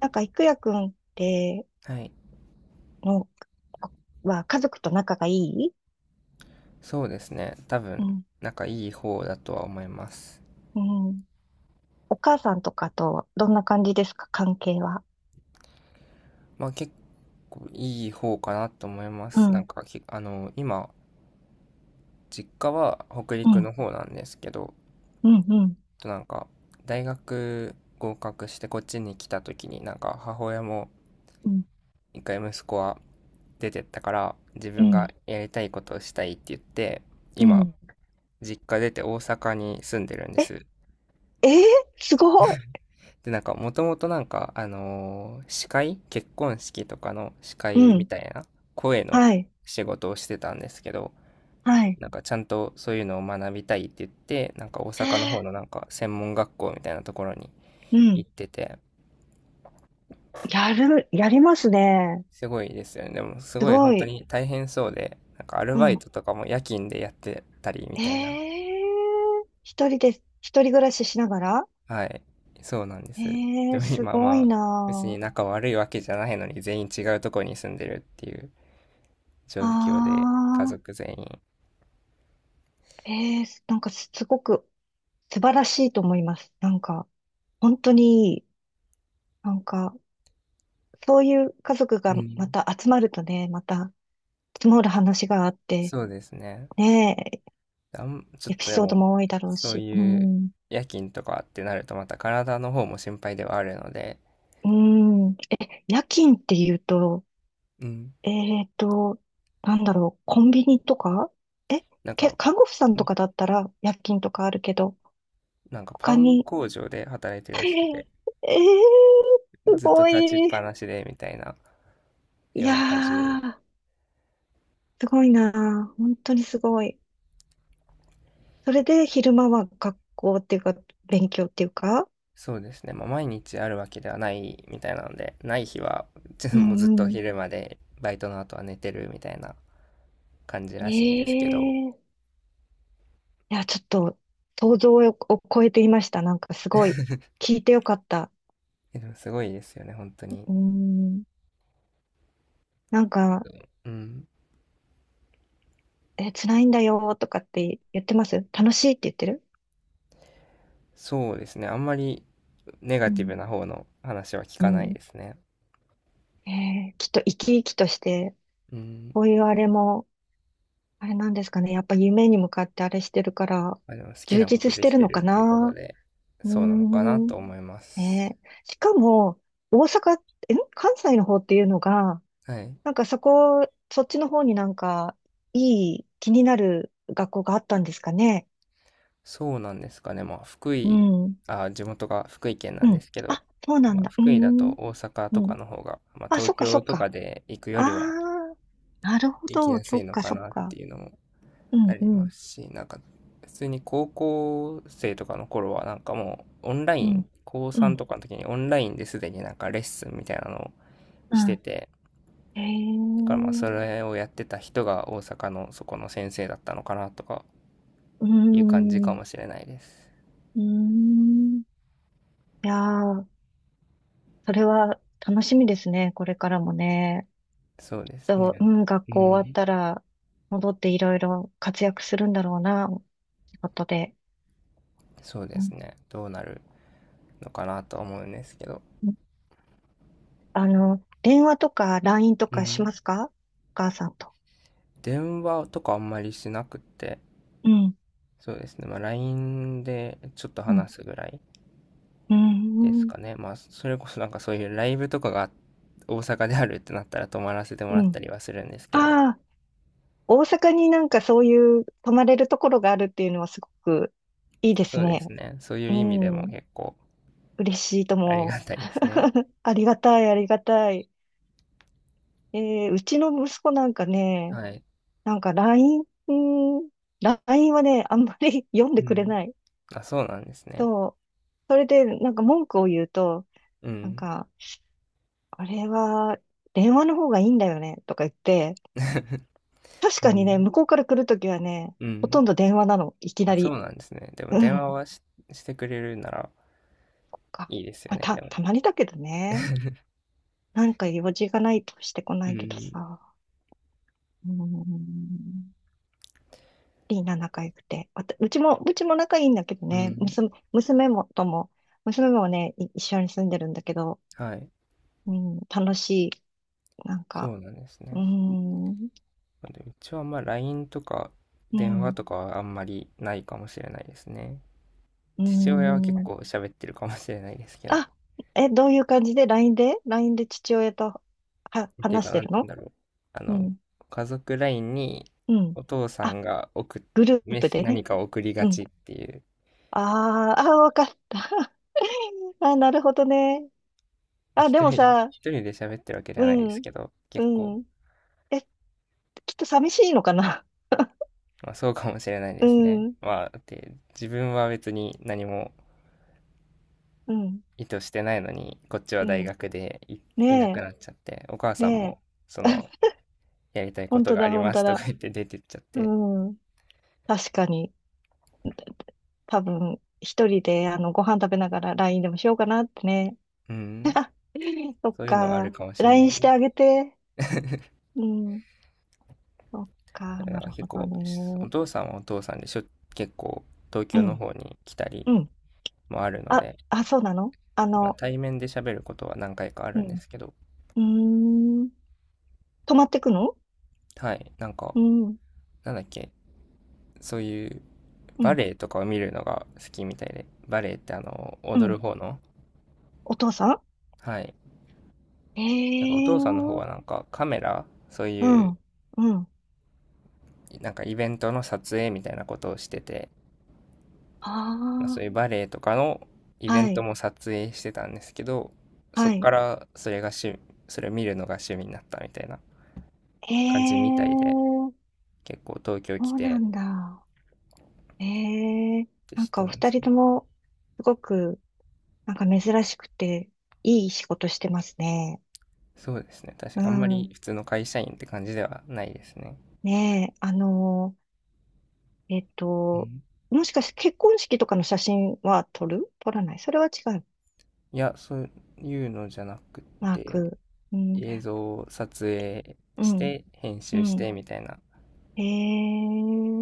いくやくんって、はい。の、は、家族と仲がいい。そうですね。多う分、ん。なんかいい方だとは思います。うん。お母さんとかと、どんな感じですか、関係は？まあ結構いい方かなと思いまうす。なんん。かき、あの、今、実家は北う陸ん。の方なんですけど、うん。うん。となんか、大学合格してこっちに来た時になんか母親もうん。一回息子は出てったから自う分ん。がやりたいことをしたいって言って、う今、ん。実家出て大阪に住んでるんでえ、す。えーすごい。で、なんか、もともとなんか、あのー司会結婚式とかの司う会みん。たいな声のはい。仕事をしてたんですけど、はい。なんかちゃんとそういうのを学びたいって言って、なんか大阪の方のなんか専門学校みたいなところにう行ん。ってて、やりますね。すごいですよね。でもすすごいご本当い。に大変そうで、なんかアルうバイん。トとかも夜勤でやってたりみえたいな。ー一人で、人暮らししながら。はい。そうなんでえす。えでーもす今ごいまあ、別にな仲悪いわけじゃないのに全員違うところに住んでるっていう。状況で、家あ。族あ、全員。ええ、すごく素晴らしいと思います。なんか、本当にいい、なんか、そういう家族うがまん。た集まるとね、また積もる話があって、そうですね。ね。ちょえ、っエピとでソードも、も多いだろうそうし、ういうん、夜勤とかってなると、また体の方も心配ではあるので、うん、え、夜勤っていうと、うん。えっと、なんだろう、コンビニとか、え、なんか、看護婦さんとんかだったら夜勤とかあるけど、なんかパ他ンに。工場で働いてる らえしくー、て、えーすずっとご立ちっい。ぱなしでみたいな、い夜や中中。ー。すごいなぁ。本当にすごい。それで昼間は学校っていうか、勉強っていうか。そうですね、まあ、毎日あるわけではないみたいなので、ない日は、ちょっうともうずっとんうん。昼まで、バイトの後は寝てるみたいな感じらしいんですけど、ええ、いや、ちょっと想像を超えていました。なんかすごい、聞いてよかった。でもすごいですよね、本当に。うん。なんか、うん。え、辛いんだよとかって言ってます？楽しいって言ってる？そうですね。あんまりネガうティん。ブな方の話は聞うかないん。ですね。えー、きっと生き生きとして、うん。こういうあれも、あれなんですかね。やっぱ夢に向かってあれしてるから、まあ、でも好き充なこと実しでてきるてのかるっていうことな。で、うーそうなのかなん。と思います。ねえ。しかも、大阪、え、関西の方っていうのが、はい。そっちの方になんか、いい、気になる学校があったんですかね。そうなんですかね。まあ、福う井、ん。あ、地元が福井県なうんでん。すけど、あ、そうなまんあ、だ。う福井だとん。大阪とうかん。の方が、まあ、あ、東そ京っとかか。で行くよありはあ、なるほ行きど。やすいのかそっなっか。ていうのもうあん、りうまん、すし、なんか、普通に高校生とかの頃は、なんかもう、オンライうン、ん、高う3ん、とかの時にオンラインですでになんかレッスンみたいなのをうしてん。て、へだからまあ、え。それをやってた人が大阪のそこの先生だったのかなとかうーいう感じかん。もしれないです。うーん。いやー、それは楽しみですね。これからもね。そうですと、うね。ん、学う校終わっん。たら、戻っていろいろ活躍するんだろうな、仕事で。そうでうすん、ね。どうなるのかなとは思うんですけど。あの、電話とか LINE とうかしん。ますか、お母さんと。電話とかあんまりしなくって、うん、そうですね。まあ、LINE でちょっとうん、話すぐらいうですん、かね。まあ、それこそなんかそういうライブとかが大阪であるってなったら泊まらせてもうらっん。たりはするんですけど、ああ、大阪になんかそういう泊まれるところがあるっていうのはすごくいいですそうですね。ね。そういうう意味でもん、結構嬉しいとありがも。たいですね。ありがたい。えーうちの息子なんかね、はい。なんかラインうん、ラインはね、あんまり 読んでうくれん。ないあ、そうなんですね。と、それでなんか文句を言うと、うなんん。か、あれは電話の方がいいんだよねとか言って、確うかにね、ん。向こうから来るときはね、うほん。とんど電話なの、いきあ、なそり。うなんですね。でもう電話ん。はし、してくれるならか、いいですよまあ、ね、でも。たまにだけどね。なんか用事がないとしてこうないけどん。さ。うん。リーナ仲良くて。わたうちも、うちも仲いいんだけどうね、ん。娘もね、一緒に住んでるんだけど、はい。うん、楽しい。なんか、そうなんですうーね。ん、でうちはまあ LINE とかう電話ん、とかはあんまりないかもしれないですね。うー父親は結ん。構喋ってるかもしれないですけど、っあ、え、どういう感じで？ LINE で？ LINE で父親とはていう話か、してなんるて言うんの？だろう。あうの、ん、家族 LINE にうん。お父さあ、んがグルーメプスでね。何かを送りがうん。ちっていう、あーあー、わかった。あ、なるほどね。まああ、で一も人、さ、一人で喋ってるわけでうはないですん、けど、結構、うん。え、きっと寂しいのかな？ まあそうかもしれないうですね。ん、まあ、だって自分は別に何もうん、意図してないのに、こっちうは大ん。学でいなくねなっちゃって、お母え、さんねも、そえ。の、やりたいことがあり本ま当すとかだ。言って出てっちゃっうて、ん。確かに、多分、一人で、あの、ご飯食べながら LINE でもしようかなってね。うん、そっそういうのはあるか。かもしれな LINE いしでてす。あげて。うん。そっだか、かならる結ほど構、おね。父さんはお父さんでしょ、結構東う京のん、方に来たりうん。もあるのあ、で、あ、そうなの、あまあ、の、対面で喋ることは何回かあうるんでん。すけど、うーん。泊まってくの？はい、なんか、うん、なんだっけ、そういううバん、レエとかを見るのが好きみたいで、バレエってう踊ん。る方の、お父さはい、ん、えなんかおえ父さんの方はー、なんかカメラ、そうういう、ん、うん。なんかイベントの撮影みたいなことをしてて、あまあ、そういうあ。バレエとかのイベはントい、も撮影してたんですけど、そっはかい。らそれを見るのが趣味になったみたいなええ感じみたいで、ー、結構東京そ来うなてんだ。ええー、ってなんしかておま二す人ね。とも、すごく、なんか珍しくて、いい仕事してますね。そうですね。確かうにあんまりん。普通の会社員って感じではないですね。ねえ、あのー、えっうと、ん、もしかして結婚式とかの写真は撮る？撮らない？それは違う。いや、そういうのじゃなくマーて、ク。うん、映像を撮影うしん、て編う集してん。みたいなええ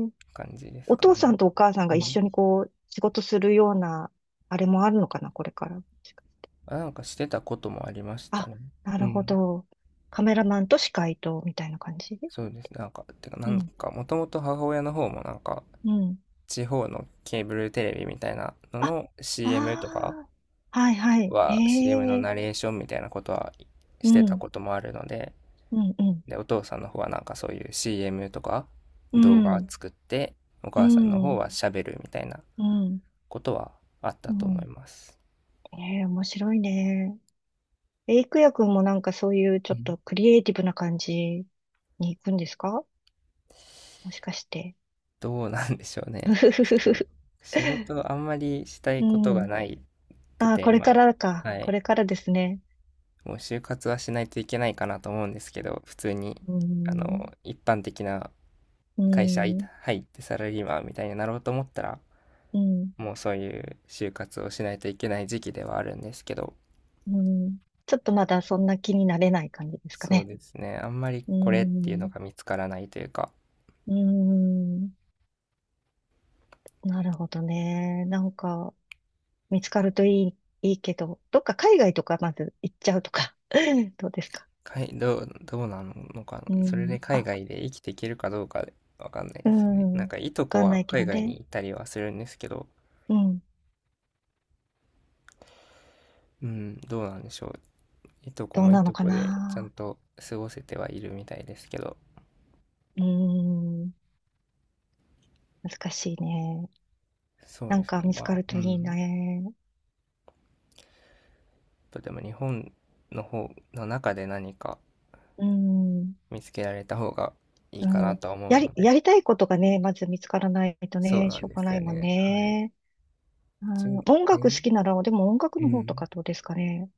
ー、感じですおか父ね。さんとお母さんがう一ん。緒にこう、仕事するような、あれもあるのかな、これから。あ、なんかしてたこともありましたあ、ね。なうるほん。ど。カメラマンと司会と、みたいな感じ？そうですね。なんか、てか、なうんん、か、もともと母親の方もなんか、うん。地方のケーブルテレビみたいなのあ、の CM とかああ、はいはい。へは、CM のえ、ナレーションみたいなことはうしてたん、こともあるので、うん、うん、で、お父さんの方はなんかそういう CM とかう動画ん、作って、おう母さんの方ん、は喋るみたいなうん、ことはあっうたと思いん。ます。ええ、面白いね。え、郁也くんもなんかそういうちうょっん、とクリエイティブな感じに行くんですか、もしかして。どうなんでしょう うね。ふふちょふっと、ふ。仕事あんまりしたいうことがん。ないくああ、て、これか今。らか。はこい。れからですね。もう就活はしないといけないかなと思うんですけど、普通に、うん、一般的なう会社入ん、ってサラリーマンみたいになろうと思ったら、うん。もうそういう就活をしないといけない時期ではあるんですけど、うん、ちょっとまだそんな気になれない感じですかそうね。ですね、あんまりうこれっていうのん、が見つからないというか、うん、なるほどね。なんか、見つかるといい、いいけど、どっか海外とかまず行っちゃうとか、どうですか？かいどう、どうなのかうな、それん、で海あ、外で生きていけるかどうかわかんないうですね。なんん、かいわとこかんはないけ海ど外にね。行ったりはするんですけど、うん、うん、どうなんでしょう。いとこどうもいなのとかこでちゃんな。と過ごせてはいるみたいですけど、うん、難しいね。そうなでんすかね。見つまかあ、るうといいん。ね。とでも日本の方の中で何かうん、見つけられた方がいいうかなん。とは思うので、やりたいことがね、まず見つからないとそうね、なしんょうでがすなよいもんね。はい。ね。う一応ん、音楽好ね、きなら、でも音楽うの方とかん。どうですかね。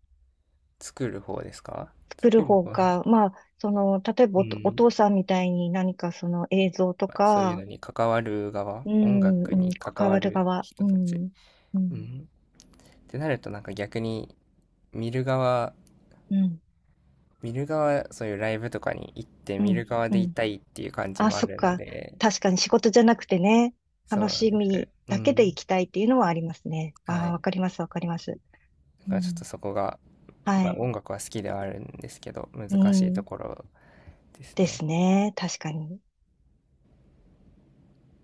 作る方ですか？作る作る方方は、か、まあ、その、例えうばおん。父さんみたいに何かその映像とまあ、そういうのか、に関わる側、う音ん、楽うん、に関関わわるる側、人うたち。ん、ううん、ん。ってなるとなんか逆に見る側、うん、見る側、そういうライブとかに行ってう見るん、側うでいん。たいっていう感じあ、もあそっるのか。で、確かに仕事じゃなくてね、そ楽うなんしです。みうだけでん。行きたいっていうのはありますね。はああ、い。わかります。だうからちょっとん、そこが、はまあ、い、音楽は好きではあるんですけど、難うしいとん、ころですでね。すね。確かに。